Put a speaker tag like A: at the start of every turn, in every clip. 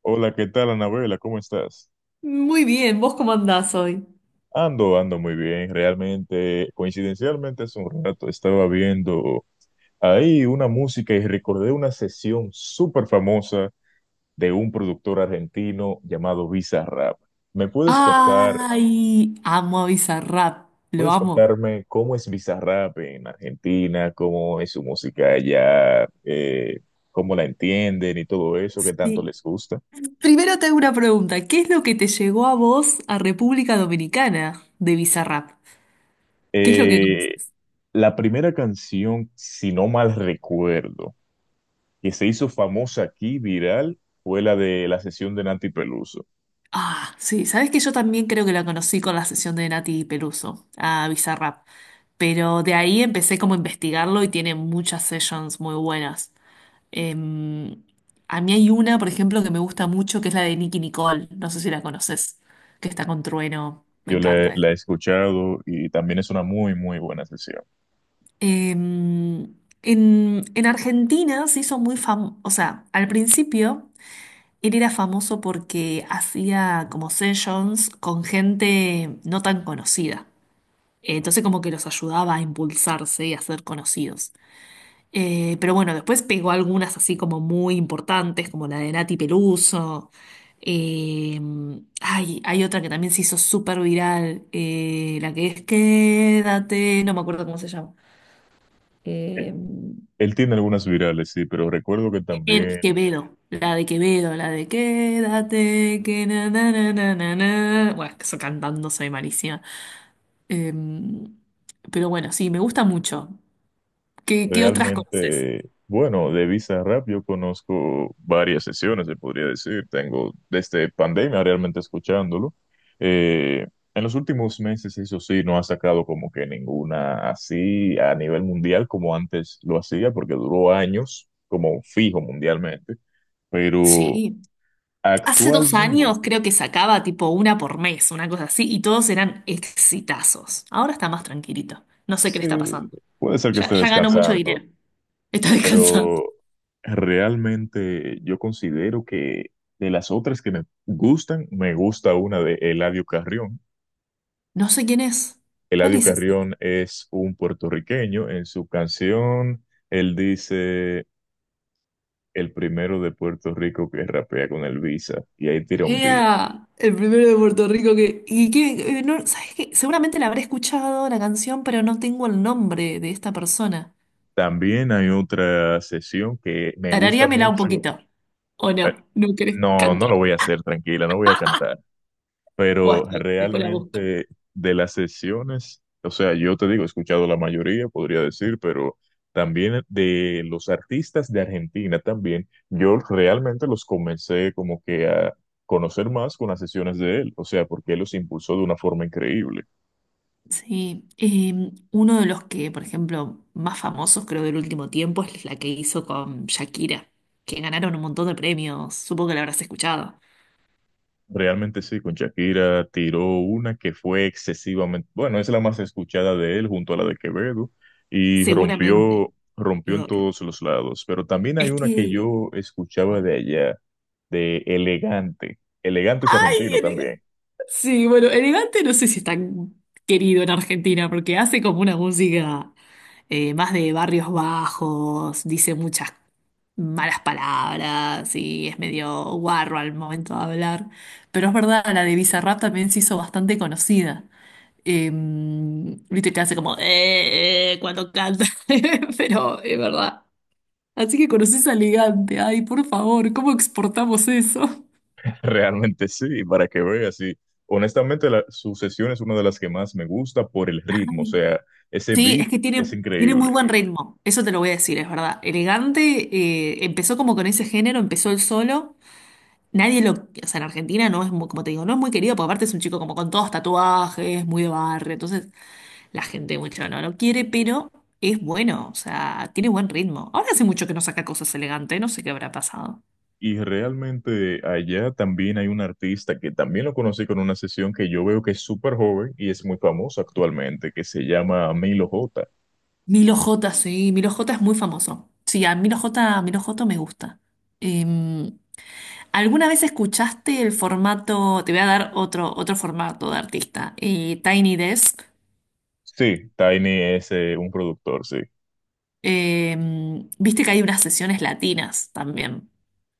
A: Hola, ¿qué tal, Anabela? ¿Cómo estás?
B: Muy bien, ¿vos cómo andás hoy?
A: Ando muy bien. Realmente, coincidencialmente, hace un rato estaba viendo ahí una música y recordé una sesión súper famosa de un productor argentino llamado Bizarrap. ¿Me puedes contar,
B: Ay, amo a Bizarrap, lo
A: puedes
B: amo.
A: contarme cómo es Bizarrap en Argentina, cómo es su música allá, cómo la entienden y todo eso, ¿qué tanto
B: Sí.
A: les gusta?
B: Primero te hago una pregunta. ¿Qué es lo que te llegó a vos a República Dominicana de Bizarrap? ¿Qué es lo que
A: Eh,
B: conoces?
A: la primera canción, si no mal recuerdo, que se hizo famosa aquí, viral, fue la de la sesión de Nancy Peluso.
B: Ah, sí, sabes que yo también creo que la conocí con la sesión de Nati Peluso a Bizarrap. Pero de ahí empecé como a investigarlo y tiene muchas sessions muy buenas. Em, a mí hay una, por ejemplo, que me gusta mucho, que es la de Nicki Nicole. No sé si la conoces, que está con Trueno. Me
A: Yo la,
B: encanta esa.
A: la he escuchado y también es una muy, muy buena sesión.
B: Em, en Argentina se hizo muy famoso, o sea, al principio él era famoso porque hacía como sessions con gente no tan conocida. Entonces como que los ayudaba a impulsarse y a ser conocidos. Pero bueno, después pegó algunas así como muy importantes, como la de Nati Peluso. Eh, ay, hay otra que también se hizo súper viral, la que es Quédate, no me acuerdo cómo se llama.
A: Eh,
B: Eh,
A: Él tiene algunas virales, sí, pero recuerdo que
B: el
A: también.
B: Quevedo, la de Quédate, que na na na na na na. Bueno, es que eso cantando soy malísima. Eh, pero bueno, sí, me gusta mucho. ¿Qué otras conoces?
A: Realmente, bueno, de Bizarrap yo conozco varias sesiones, se podría decir. Tengo desde pandemia realmente escuchándolo. Eh, en los últimos meses, eso sí, no ha sacado como que ninguna así a nivel mundial como antes lo hacía, porque duró años como fijo mundialmente. Pero
B: Sí. Hace dos
A: actualmente
B: años creo que sacaba tipo una por mes, una cosa así, y todos eran exitazos. Ahora está más tranquilito. No sé qué le
A: sí,
B: está pasando.
A: puede ser que
B: Ya,
A: esté
B: ya ganó Ah. Mucho
A: descansando,
B: dinero. Está descansando.
A: pero realmente yo considero que, de las otras que me gustan, me gusta una de Eladio Carrión.
B: No sé quién es. ¿Cuál
A: Eladio
B: es ese?
A: Carrión es un puertorriqueño. En su canción, él dice, el primero de Puerto Rico que rapea con el Visa, y ahí tira un beat.
B: Era el primero de Puerto Rico que... ¿Y qué? No, ¿sabes qué? Seguramente la habré escuchado la canción, pero no tengo el nombre de esta persona.
A: También hay otra sesión que me gusta
B: Tararíamela un
A: mucho.
B: poquito. ¿O
A: Eh,
B: no? ¿No querés
A: No, no
B: cantar?
A: lo voy a hacer, tranquila, no voy a cantar.
B: Bueno,
A: Pero
B: después la busco.
A: realmente, de las sesiones, o sea, yo te digo, he escuchado la mayoría, podría decir, pero también de los artistas de Argentina también, yo realmente los comencé como que a conocer más con las sesiones de él, o sea, porque él los impulsó de una forma increíble.
B: Sí, uno de los que, por ejemplo, más famosos creo del último tiempo es la que hizo con Shakira, que ganaron un montón de premios, supongo que la habrás escuchado,
A: Realmente sí, con Shakira tiró una que fue excesivamente, bueno, es la más escuchada de él junto a la de Quevedo y
B: seguramente,
A: rompió en
B: pero
A: todos los lados. Pero también hay
B: es
A: una que
B: que...
A: yo escuchaba de
B: ¿cuál?
A: allá, de Elegante. Elegante es argentino
B: ¡Ay!
A: también.
B: Sí, bueno, elegante no sé si es tan querido en Argentina porque hace como una música más de barrios bajos, dice muchas malas palabras y es medio guarro al momento de hablar. Pero es verdad, la de Bizarrap también se hizo bastante conocida. Viste que hace como cuando canta, pero es verdad. Así que conoces a Elegante, ay, por favor, ¿cómo exportamos eso?
A: Realmente sí, para que veas. Y honestamente su sesión es una de las que más me gusta por el ritmo, o
B: Ay.
A: sea, ese
B: Sí,
A: beat
B: es que
A: es
B: tiene, tiene muy
A: increíble.
B: buen ritmo, eso te lo voy a decir, es verdad. Elegante, empezó como con ese género, empezó el solo. Nadie lo, o sea, en Argentina no es muy, como te digo, no es muy querido, porque aparte es un chico como con todos tatuajes, muy de barrio, entonces la gente mucho no lo quiere, pero es bueno, o sea, tiene buen ritmo. Ahora hace mucho que no saca cosas elegantes, no sé qué habrá pasado.
A: Y realmente allá también hay un artista que también lo conocí con una sesión, que yo veo que es súper joven y es muy famoso actualmente, que se llama Milo J.
B: Milo J, sí, Milo J es muy famoso. Sí, a Milo J, Milo J me gusta. Em, ¿Alguna vez escuchaste el formato? Te voy a dar otro, otro formato de artista, Tiny Desk.
A: Sí, Tiny es un productor, sí.
B: Eh, viste que hay unas sesiones latinas también.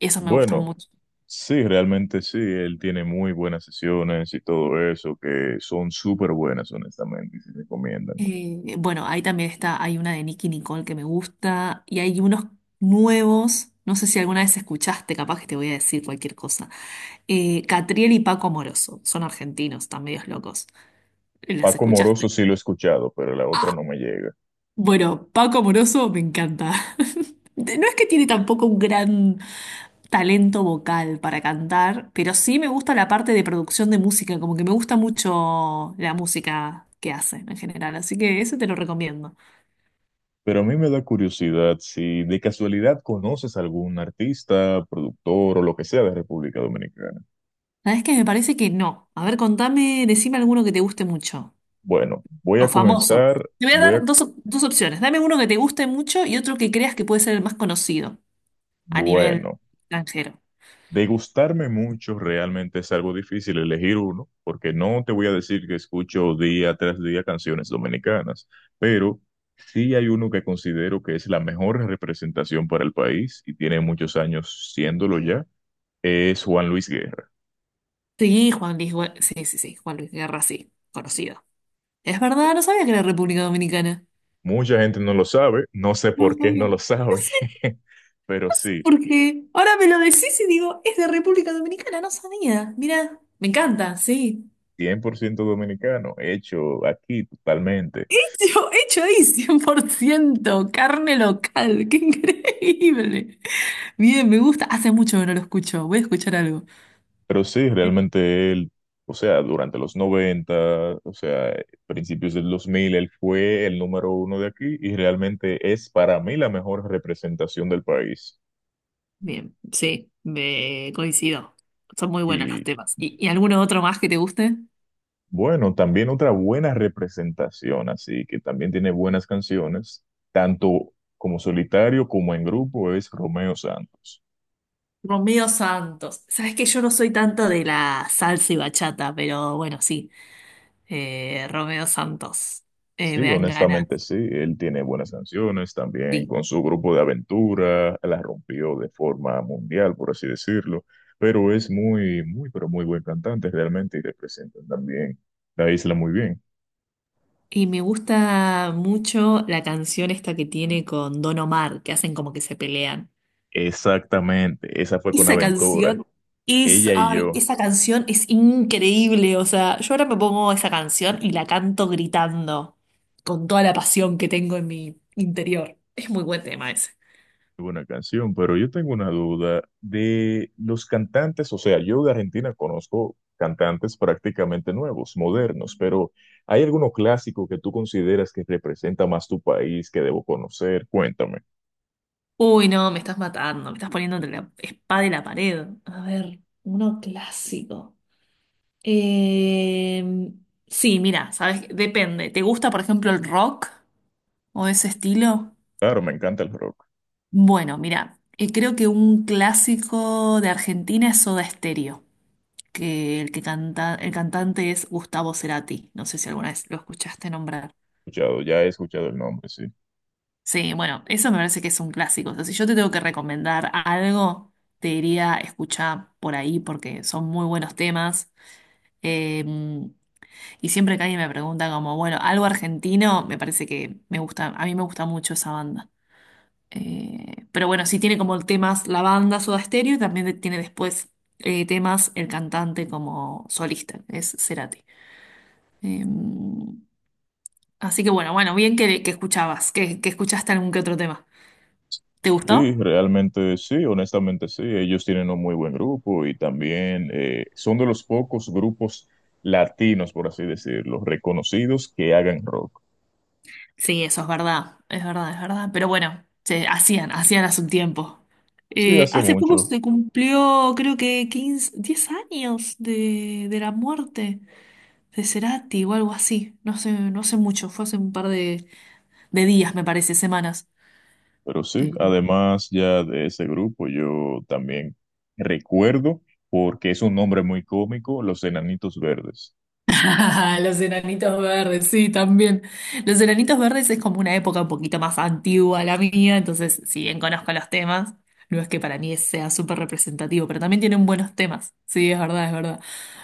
B: Eso me gustan
A: Bueno,
B: mucho.
A: sí, realmente sí, él tiene muy buenas sesiones y todo eso, que son súper buenas, honestamente, y se recomiendan.
B: Bueno, ahí también está, hay una de Nicki Nicole que me gusta y hay unos nuevos, no sé si alguna vez escuchaste, capaz que te voy a decir cualquier cosa. Catriel y Paco Moroso, son argentinos, están medios locos. ¿Las
A: Paco Moroso
B: escuchaste?
A: sí lo he escuchado, pero la otra no
B: Ah,
A: me llega.
B: bueno, Paco Moroso me encanta. No es que tiene tampoco un gran talento vocal para cantar, pero sí me gusta la parte de producción de música, como que me gusta mucho la música que hacen en general, así que eso te lo recomiendo.
A: Pero a mí me da curiosidad si de casualidad conoces algún artista, productor o lo que sea de República Dominicana.
B: La verdad es que me parece que no. A ver, contame, decime alguno que te guste mucho,
A: Bueno, voy
B: o
A: a
B: famoso.
A: comenzar,
B: Te voy a
A: voy a,
B: dar dos, dos opciones, dame uno que te guste mucho y otro que creas que puede ser el más conocido a nivel
A: bueno,
B: extranjero.
A: degustarme mucho realmente es algo difícil, elegir uno, porque no te voy a decir que escucho día tras día canciones dominicanas, pero sí hay uno que considero que es la mejor representación para el país y tiene muchos años siéndolo ya, es Juan Luis Guerra.
B: Sí, Juan Luis, sí, sí, sí, Juan Luis Guerra, sí, conocido. Es verdad, no sabía que era República Dominicana.
A: Mucha gente no lo sabe, no sé
B: No lo
A: por qué no
B: sabía.
A: lo sabe, pero sí,
B: Porque ahora me lo decís y digo, es de República Dominicana, no sabía. Mira, me encanta, sí.
A: 100% dominicano, hecho aquí totalmente.
B: Hecho, hecho ahí, 100% carne local, qué increíble. Bien, me gusta. Hace mucho que no lo escucho, voy a escuchar algo.
A: Pero sí, realmente él, o sea, durante los 90, o sea, principios del 2000, él fue el número uno de aquí y realmente es para mí la mejor representación del país.
B: Bien, sí, me coincido. Son muy buenos los
A: Y
B: temas. ¿Y alguno otro más que te guste?
A: bueno, también otra buena representación, así que también tiene buenas canciones, tanto como solitario como en grupo, es Romeo Santos.
B: Romeo Santos. Sabes que yo no soy tanto de la salsa y bachata, pero bueno, sí. Romeo Santos.
A: Sí,
B: Me dan ganas.
A: honestamente sí, él tiene buenas canciones también
B: Sí.
A: con su grupo de aventura, la rompió de forma mundial, por así decirlo, pero es muy, muy, pero muy buen cantante realmente y representa también la isla muy bien.
B: Y me gusta mucho la canción esta que tiene con Don Omar, que hacen como que se pelean.
A: Exactamente, esa fue con
B: Esa
A: Aventura,
B: canción es,
A: ella y
B: ay,
A: yo.
B: esa canción es increíble. O sea, yo ahora me pongo esa canción y la canto gritando con toda la pasión que tengo en mi interior. Es muy buen tema ese.
A: Buena canción, pero yo tengo una duda de los cantantes, o sea, yo de Argentina conozco cantantes prácticamente nuevos, modernos, pero ¿hay alguno clásico que tú consideras que representa más tu país que debo conocer? Cuéntame.
B: Uy, no, me estás matando, me estás poniendo entre la espada y la pared. A ver, uno clásico. Eh, sí, mira, sabes, depende. ¿Te gusta, por ejemplo, el rock? ¿O ese estilo?
A: Claro, me encanta el rock.
B: Bueno, mira, creo que un clásico de Argentina es Soda Stereo, que el que canta, el cantante es Gustavo Cerati. No sé si alguna vez lo escuchaste nombrar.
A: Escuchado, ya he escuchado el nombre, sí.
B: Sí, bueno, eso me parece que es un clásico. O sea, si yo te tengo que recomendar algo, te diría escuchar por ahí porque son muy buenos temas. Eh, y siempre que alguien me pregunta como, bueno, algo argentino, me parece que me gusta, a mí me gusta mucho esa banda. Pero bueno, sí tiene como temas la banda Soda Stereo y también tiene después temas el cantante como solista, es Cerati. Eh, así que bueno, bueno, bien que escuchaste algún que otro tema. ¿Te
A: Sí,
B: gustó?
A: realmente sí, honestamente sí. Ellos tienen un muy buen grupo y también son de los pocos grupos latinos, por así decirlo, reconocidos que hagan rock.
B: Sí, eso es verdad, es verdad, es verdad. Pero bueno, se hacían, hacían hace un tiempo.
A: Sí, hace
B: Hace poco
A: mucho.
B: se cumplió, creo que 15 10 años de la muerte de Cerati o algo así. No sé, no sé mucho, fue hace un par de días, me parece, semanas.
A: Pero sí,
B: Eh,
A: además ya de ese grupo yo también recuerdo, porque es un nombre muy cómico, Los Enanitos Verdes.
B: Los enanitos verdes, sí, también. Los Enanitos Verdes es como una época un poquito más antigua a la mía, entonces si bien conozco los temas, no es que para mí sea súper representativo, pero también tienen buenos temas. Sí, es verdad, es verdad.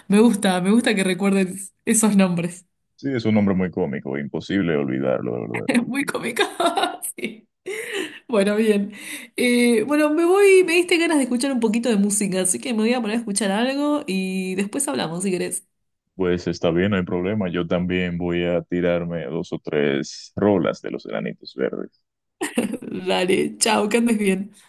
B: Me gusta que recuerden esos nombres.
A: Sí, es un nombre muy cómico, imposible olvidarlo, de verdad.
B: Es muy cómico. Sí. Bueno, bien. Bueno, me voy, me diste ganas de escuchar un poquito de música, así que me voy a poner a escuchar algo y después hablamos si querés.
A: Pues está bien, no hay problema. Yo también voy a tirarme dos o tres rolas de Los Enanitos Verdes.
B: Dale, chao, que andes bien.